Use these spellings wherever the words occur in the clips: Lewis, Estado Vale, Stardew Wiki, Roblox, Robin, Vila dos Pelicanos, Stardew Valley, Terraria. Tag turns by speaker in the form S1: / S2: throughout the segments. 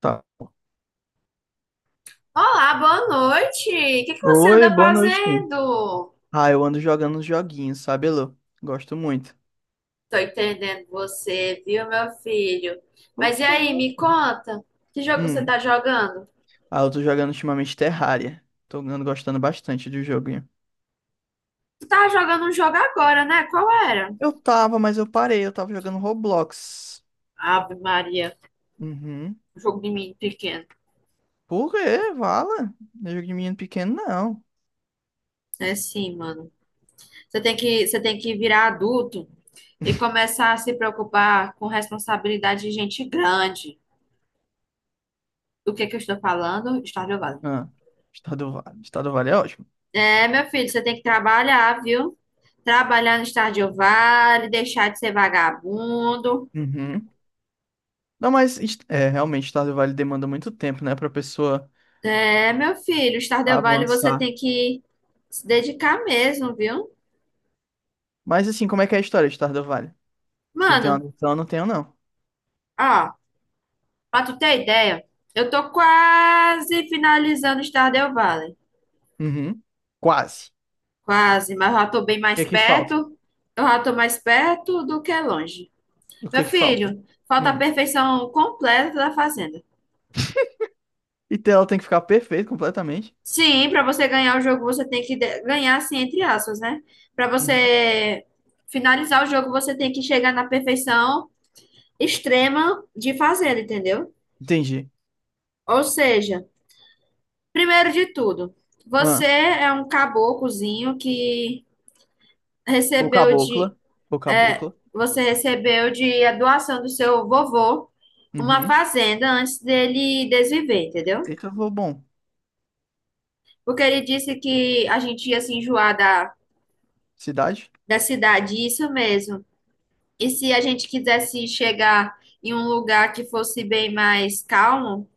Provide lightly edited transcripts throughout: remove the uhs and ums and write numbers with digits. S1: Tá.
S2: Olá, boa noite. O que que você
S1: Oi,
S2: anda
S1: boa noite.
S2: fazendo?
S1: Ah, eu ando jogando uns joguinhos, sabe, Elô? Gosto muito.
S2: Tô entendendo você, viu, meu filho?
S1: Por
S2: Mas e
S1: quê?
S2: aí, me conta, que jogo você
S1: Hum.
S2: tá jogando?
S1: Ah, eu tô jogando ultimamente Terraria. Tô andando gostando bastante do joguinho.
S2: Tu tava jogando um jogo agora, né? Qual era?
S1: Eu tava, mas eu parei. Eu tava jogando Roblox.
S2: Ave Maria,
S1: Uhum.
S2: um jogo de menino pequeno.
S1: Por quê? Vala? Não é jogo de menino pequeno, não.
S2: É sim, mano. Você tem que virar adulto e começar a se preocupar com responsabilidade de gente grande. Do que eu estou falando? Stardew Valley.
S1: Ah, Estado Vale. Estado Vale é ótimo.
S2: É, meu filho, você tem que trabalhar, viu? Trabalhar no Stardew Valley, deixar de ser vagabundo.
S1: Uhum. Não, mas é, realmente, Estado Vale demanda muito tempo, né, pra pessoa
S2: É, meu filho, Stardew Valley você
S1: avançar.
S2: tem que se dedicar mesmo, viu?
S1: Mas assim, como é que é a história de Estado Vale? Se tem uma
S2: Mano,
S1: noção, eu não tenho, não.
S2: ó, pra tu ter ideia, eu tô quase finalizando o Stardew Valley.
S1: Uhum. Quase.
S2: Quase, mas eu já tô bem
S1: O que
S2: mais
S1: é que falta?
S2: perto. Eu já tô mais perto do que longe.
S1: O que
S2: Meu
S1: é que falta?
S2: filho, falta a
S1: Hum.
S2: perfeição completa da fazenda.
S1: E tela tem que ficar perfeita completamente.
S2: Sim, para você ganhar o jogo, você tem que ganhar, assim, entre aspas, né? Para
S1: Uhum.
S2: você finalizar o jogo, você tem que chegar na perfeição extrema de fazenda, entendeu?
S1: Entendi.
S2: Ou seja, primeiro de tudo, você
S1: Ah.
S2: é um caboclozinho que
S1: Ou
S2: recebeu de,
S1: cabocla. Ou
S2: é,
S1: cabocla.
S2: você recebeu de a doação do seu vovô uma
S1: Uhum.
S2: fazenda antes dele desviver, entendeu?
S1: Eita, vou bom.
S2: Porque ele disse que a gente ia se enjoar da,
S1: Cidade?
S2: da cidade, isso mesmo. E se a gente quisesse chegar em um lugar que fosse bem mais calmo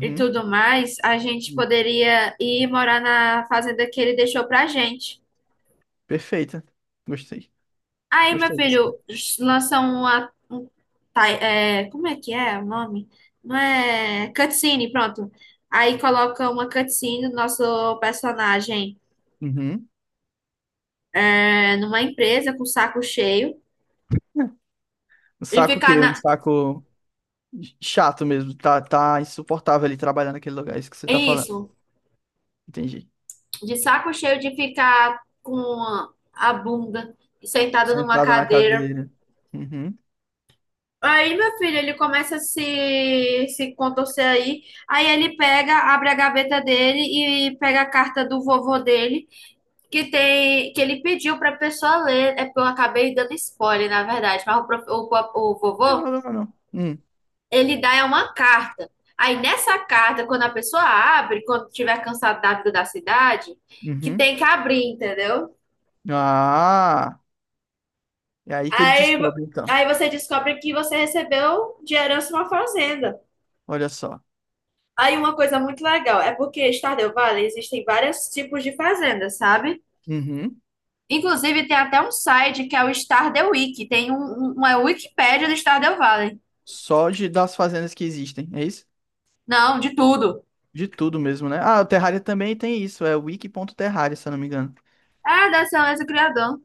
S2: e tudo mais, a gente
S1: Hum.
S2: poderia ir morar na fazenda que ele deixou pra gente.
S1: Perfeita. Gostei.
S2: Aí, meu
S1: Gostei dessa.
S2: filho, lança uma. Como é que é o nome? Não é. Cutscene, pronto. Aí coloca uma cutscene do nosso personagem
S1: Uhum.
S2: é, numa empresa com o saco cheio
S1: É. Um
S2: e
S1: saco
S2: ficar
S1: que um
S2: na.
S1: saco chato mesmo. Tá, tá insuportável ali trabalhar naquele lugar. É isso que você tá falando.
S2: Isso.
S1: Entendi.
S2: De saco cheio de ficar com a bunda sentada numa
S1: Sentada na
S2: cadeira.
S1: cadeira. Uhum. Não
S2: Aí, meu filho, ele começa a se contorcer aí. Aí ele pega, abre a gaveta dele e pega a carta do vovô dele, que tem que ele pediu pra pessoa ler. É porque eu acabei dando spoiler, na verdade. Mas o, prof- o
S1: tem
S2: vovô,
S1: problema, não. Hum.
S2: ele dá uma carta. Aí nessa carta, quando a pessoa abre, quando tiver cansado da vida da cidade, que
S1: Uhum.
S2: tem que abrir, entendeu?
S1: Ah! É aí que ele
S2: Aí,
S1: descobre, então.
S2: aí, você descobre que você recebeu de herança uma fazenda.
S1: Olha só.
S2: Aí uma coisa muito legal é porque Stardew Valley existem vários tipos de fazendas, sabe?
S1: Uhum.
S2: Inclusive tem até um site que é o Stardew Wiki, tem um, uma Wikipédia do Stardew Valley.
S1: Só de, das fazendas que existem, é isso?
S2: Não, de tudo.
S1: De tudo mesmo, né? Ah, o Terraria também tem isso, é wiki.terraria, se eu não me engano.
S2: Ah, da excelência do criador.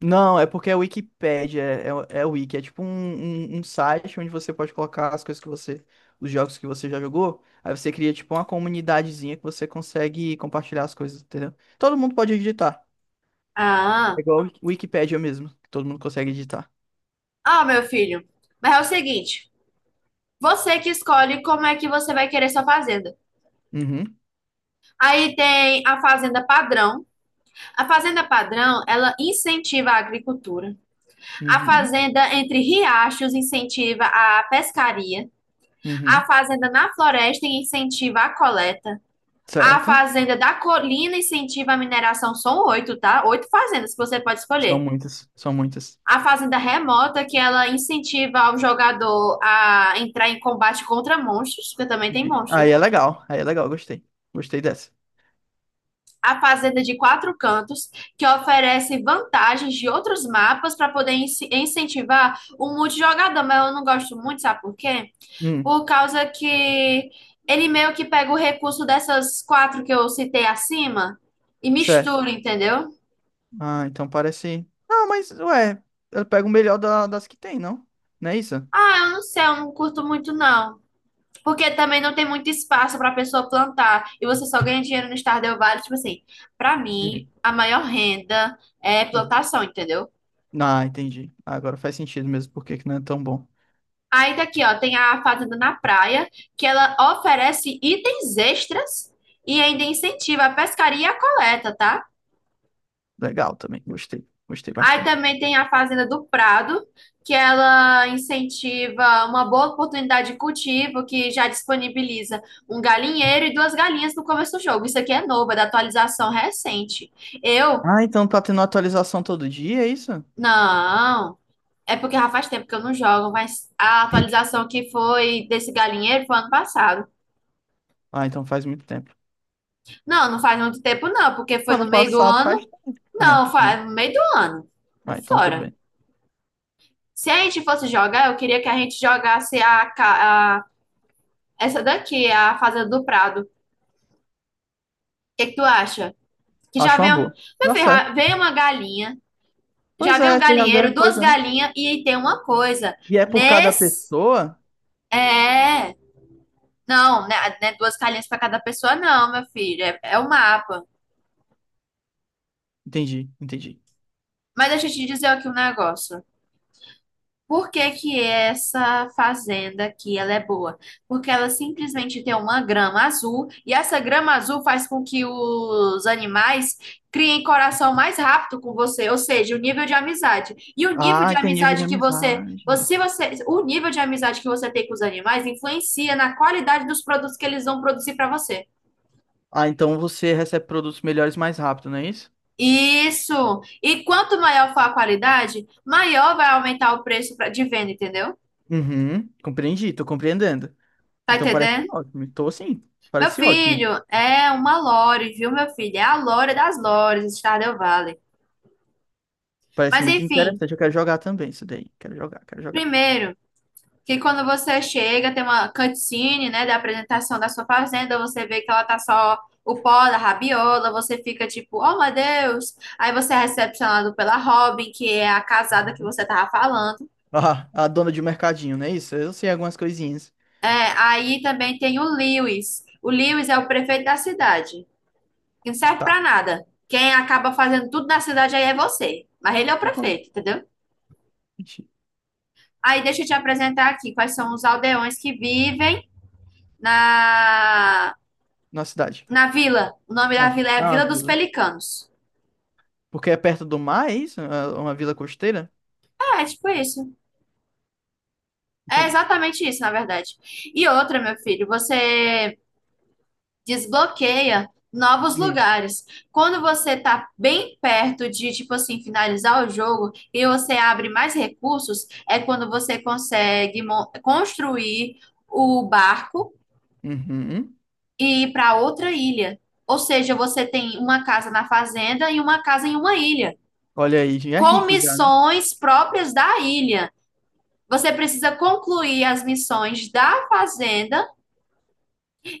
S1: Não, é porque é Wikipédia, é, é, é wiki, é tipo um, um, um site onde você pode colocar as coisas que você, os jogos que você já jogou, aí você cria tipo uma comunidadezinha que você consegue compartilhar as coisas, entendeu? Todo mundo pode editar,
S2: Ah,
S1: é igual Wikipédia mesmo, que todo mundo consegue editar.
S2: ah, meu filho. Mas é o seguinte, você que escolhe como é que você vai querer sua fazenda.
S1: Uhum.
S2: Aí tem a fazenda padrão. A fazenda padrão, ela incentiva a agricultura. A
S1: Uhum.
S2: fazenda entre riachos incentiva a pescaria. A
S1: Uhum.
S2: fazenda na floresta incentiva a coleta. A
S1: Certo?
S2: fazenda da colina incentiva a mineração. São oito, tá? Oito fazendas que você pode
S1: São
S2: escolher.
S1: muitas, são muitas.
S2: A fazenda remota, que ela incentiva o jogador a entrar em combate contra monstros, porque também tem
S1: Vi.
S2: monstro.
S1: Aí é legal, gostei. Gostei dessa.
S2: A fazenda de quatro cantos, que oferece vantagens de outros mapas para poder incentivar o multijogador. Mas eu não gosto muito, sabe por quê?
S1: Hum,
S2: Por causa que ele meio que pega o recurso dessas quatro que eu citei acima e
S1: certo.
S2: mistura, entendeu?
S1: Ah, então parece. Ah, mas, ué, eu pego o melhor das que tem, não? Não é isso?
S2: Ah, eu não sei, eu não curto muito não. Porque também não tem muito espaço para a pessoa plantar e você só ganha dinheiro no Stardew Valley, tipo assim, para mim
S1: Hum,
S2: a maior renda é
S1: hum.
S2: plantação, entendeu?
S1: Ah, entendi. Agora faz sentido mesmo porque que não é tão bom.
S2: Aí daqui, ó, tem a fazenda na praia, que ela oferece itens extras e ainda incentiva a pescaria e a coleta, tá?
S1: Legal também, gostei. Gostei
S2: Aí
S1: bastante.
S2: também tem a Fazenda do Prado, que ela incentiva uma boa oportunidade de cultivo, que já disponibiliza um galinheiro e duas galinhas no começo do jogo. Isso aqui é novo, é da atualização recente. Eu,
S1: Ah, então tá tendo atualização todo dia, é isso?
S2: não. É porque já faz tempo que eu não jogo, mas a atualização que foi desse galinheiro foi ano passado.
S1: Ah, então faz muito tempo.
S2: Não, não faz muito tempo, não, porque foi no
S1: Ano
S2: meio do
S1: passado
S2: ano.
S1: faz. Ah, é,
S2: Não,
S1: então.
S2: faz no meio do ano. É
S1: Ah, então tudo
S2: fora.
S1: bem.
S2: Se a gente fosse jogar, eu queria que a gente jogasse a. Essa daqui é a Fazenda do Prado. O que que tu acha? Que já
S1: Acho uma
S2: vem,
S1: boa.
S2: meu
S1: Tá
S2: filho,
S1: certo.
S2: já vem uma galinha, já
S1: Pois
S2: vem um
S1: é, você já ganha
S2: galinheiro, duas
S1: coisa, né?
S2: galinhas e tem uma coisa.
S1: E é por cada
S2: Nesse,
S1: pessoa?
S2: é, não, né, duas galinhas para cada pessoa, não, meu filho, é, é o mapa.
S1: Entendi, entendi.
S2: Mas deixa eu te dizer aqui um negócio. Por que que essa fazenda aqui ela é boa? Porque ela simplesmente tem uma grama azul e essa grama azul faz com que os animais criem coração mais rápido com você, ou seja, o nível de amizade. E o nível de
S1: Ah, tem nível de
S2: amizade que você,
S1: amizade.
S2: você, você, o nível de amizade que você tem com os animais influencia na qualidade dos produtos que eles vão produzir para você.
S1: Ah, então você recebe produtos melhores mais rápido, não é isso?
S2: Isso. E quanto maior for a qualidade, maior vai aumentar o preço de venda, entendeu?
S1: Uhum, compreendi, tô compreendendo.
S2: Tá
S1: Então parece
S2: entendendo?
S1: ótimo, tô sim,
S2: Meu
S1: parece ótimo.
S2: filho, é uma lore, viu, meu filho? É a lore das lores, Stardew Valley.
S1: Parece
S2: Mas
S1: muito
S2: enfim,
S1: interessante, eu quero jogar também isso daí. Quero jogar, quero jogar.
S2: primeiro, que quando você chega, tem uma cutscene, né, da apresentação da sua fazenda, você vê que ela tá só o pó da rabiola, você fica tipo, oh meu Deus! Aí você é recepcionado pela Robin, que é a casada que
S1: Uhum.
S2: você tava falando.
S1: Ah, a dona de mercadinho, não é isso? Eu sei algumas coisinhas.
S2: É, aí também tem o Lewis. O Lewis é o prefeito da cidade, que não serve pra
S1: Tá.
S2: nada. Quem acaba fazendo tudo na cidade aí é você. Mas ele é o
S1: Tem como?
S2: prefeito, entendeu?
S1: Gente.
S2: Aí deixa eu te apresentar aqui quais são os aldeões que vivem na,
S1: Na cidade,
S2: na vila. O nome
S1: na,
S2: da vila é a
S1: ah, na
S2: Vila dos
S1: vila.
S2: Pelicanos.
S1: Porque é perto do mar, é isso? É uma vila costeira?
S2: É, é tipo isso. É
S1: Entendi.
S2: exatamente isso, na verdade. E outra, meu filho, você desbloqueia novos
S1: Hum.
S2: lugares. Quando você tá bem perto de, tipo assim, finalizar o jogo e você abre mais recursos, é quando você consegue construir o barco
S1: Uhum.
S2: e ir para outra ilha. Ou seja, você tem uma casa na fazenda e uma casa em uma ilha,
S1: Olha aí, já é
S2: com
S1: rico já, né?
S2: missões próprias da ilha. Você precisa concluir as missões da fazenda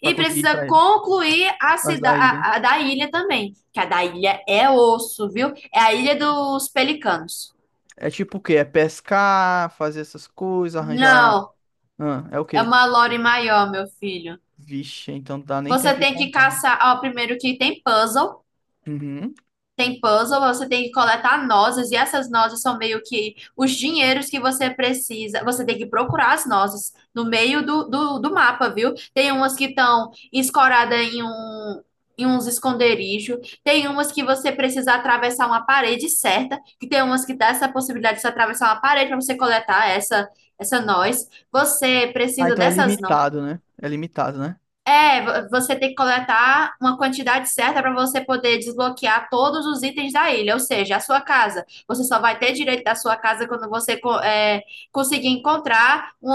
S1: Pra conseguir ir
S2: precisa
S1: pra ele.
S2: concluir a,
S1: As
S2: cida
S1: da ilha.
S2: a, a da ilha também. Que a da ilha é osso, viu? É a ilha dos pelicanos.
S1: É tipo o quê? É pescar, fazer essas coisas, arranjar.
S2: Não,
S1: Ah, é o
S2: é
S1: quê?
S2: uma lore maior, meu filho.
S1: Vixe, então não dá nem
S2: Você
S1: tempo de
S2: tem que
S1: contar.
S2: caçar, ó, primeiro que tem puzzle.
S1: Uhum.
S2: Tem puzzle, você tem que coletar nozes, e essas nozes são meio que os dinheiros que você precisa. Você tem que procurar as nozes no meio do mapa, viu? Tem umas que estão escoradas em um. Em uns esconderijos, tem umas que você precisa atravessar uma parede certa, que tem umas que dá essa possibilidade de você atravessar uma parede para você coletar essa noz. Você
S1: Ah,
S2: precisa
S1: então é
S2: dessas, no-
S1: limitado, né? É limitado, né?
S2: é, vo- você tem que coletar uma quantidade certa para você poder desbloquear todos os itens da ilha, ou seja, a sua casa. Você só vai ter direito da sua casa quando você conseguir encontrar um,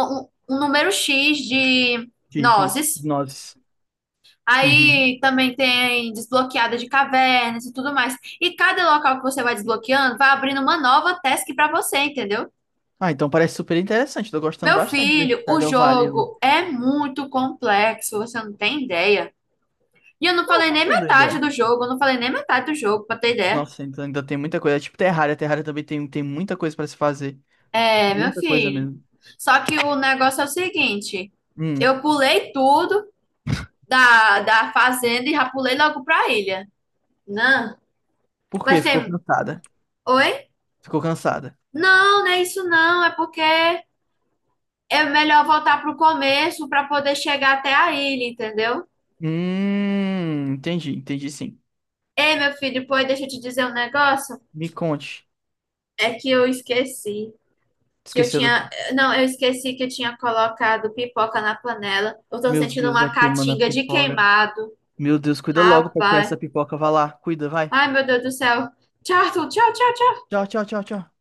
S2: um número X de
S1: De itens, de
S2: nozes.
S1: nozes. Uhum.
S2: Aí também tem desbloqueada de cavernas e tudo mais. E cada local que você vai desbloqueando vai abrindo uma nova task para você, entendeu?
S1: Ah, então parece super interessante. Tô gostando
S2: Meu
S1: bastante desse
S2: filho, o
S1: Stardew Valley, Lu.
S2: jogo é muito complexo, você não tem ideia. E eu não
S1: Não, eu
S2: falei
S1: tô
S2: nem
S1: tendo
S2: metade
S1: ainda.
S2: do jogo, eu não falei nem metade do jogo, pra ter ideia.
S1: Nossa, então ainda tem muita coisa. É tipo Terraria. Terraria também tem, tem muita coisa pra se fazer.
S2: É, meu
S1: Muita coisa
S2: filho.
S1: mesmo.
S2: Só que o negócio é o seguinte:
S1: Hum.
S2: eu pulei tudo da, da fazenda e já pulei logo pra ilha. Não.
S1: Por
S2: Mas
S1: quê? Ficou
S2: tem.
S1: cansada.
S2: Oi?
S1: Ficou cansada.
S2: Não, não é isso não. É porque é melhor voltar pro começo pra poder chegar até a ilha, entendeu?
S1: Entendi, entendi sim.
S2: Ei, meu filho, depois deixa eu te dizer um negócio.
S1: Me conte.
S2: É que eu esqueci. Que eu
S1: Esqueceu do.
S2: tinha. Não, eu esqueci que eu tinha colocado pipoca na panela. Eu tô
S1: Meu
S2: sentindo
S1: Deus, vai
S2: uma
S1: queimando a
S2: catinga de
S1: pipoca.
S2: queimado.
S1: Meu Deus, cuida logo pra tirar
S2: Rapaz.
S1: essa pipoca. Vai lá, cuida, vai.
S2: Ai, meu Deus do céu. Tchau, tchau, tchau, tchau.
S1: Tchau, tchau, tchau, tchau.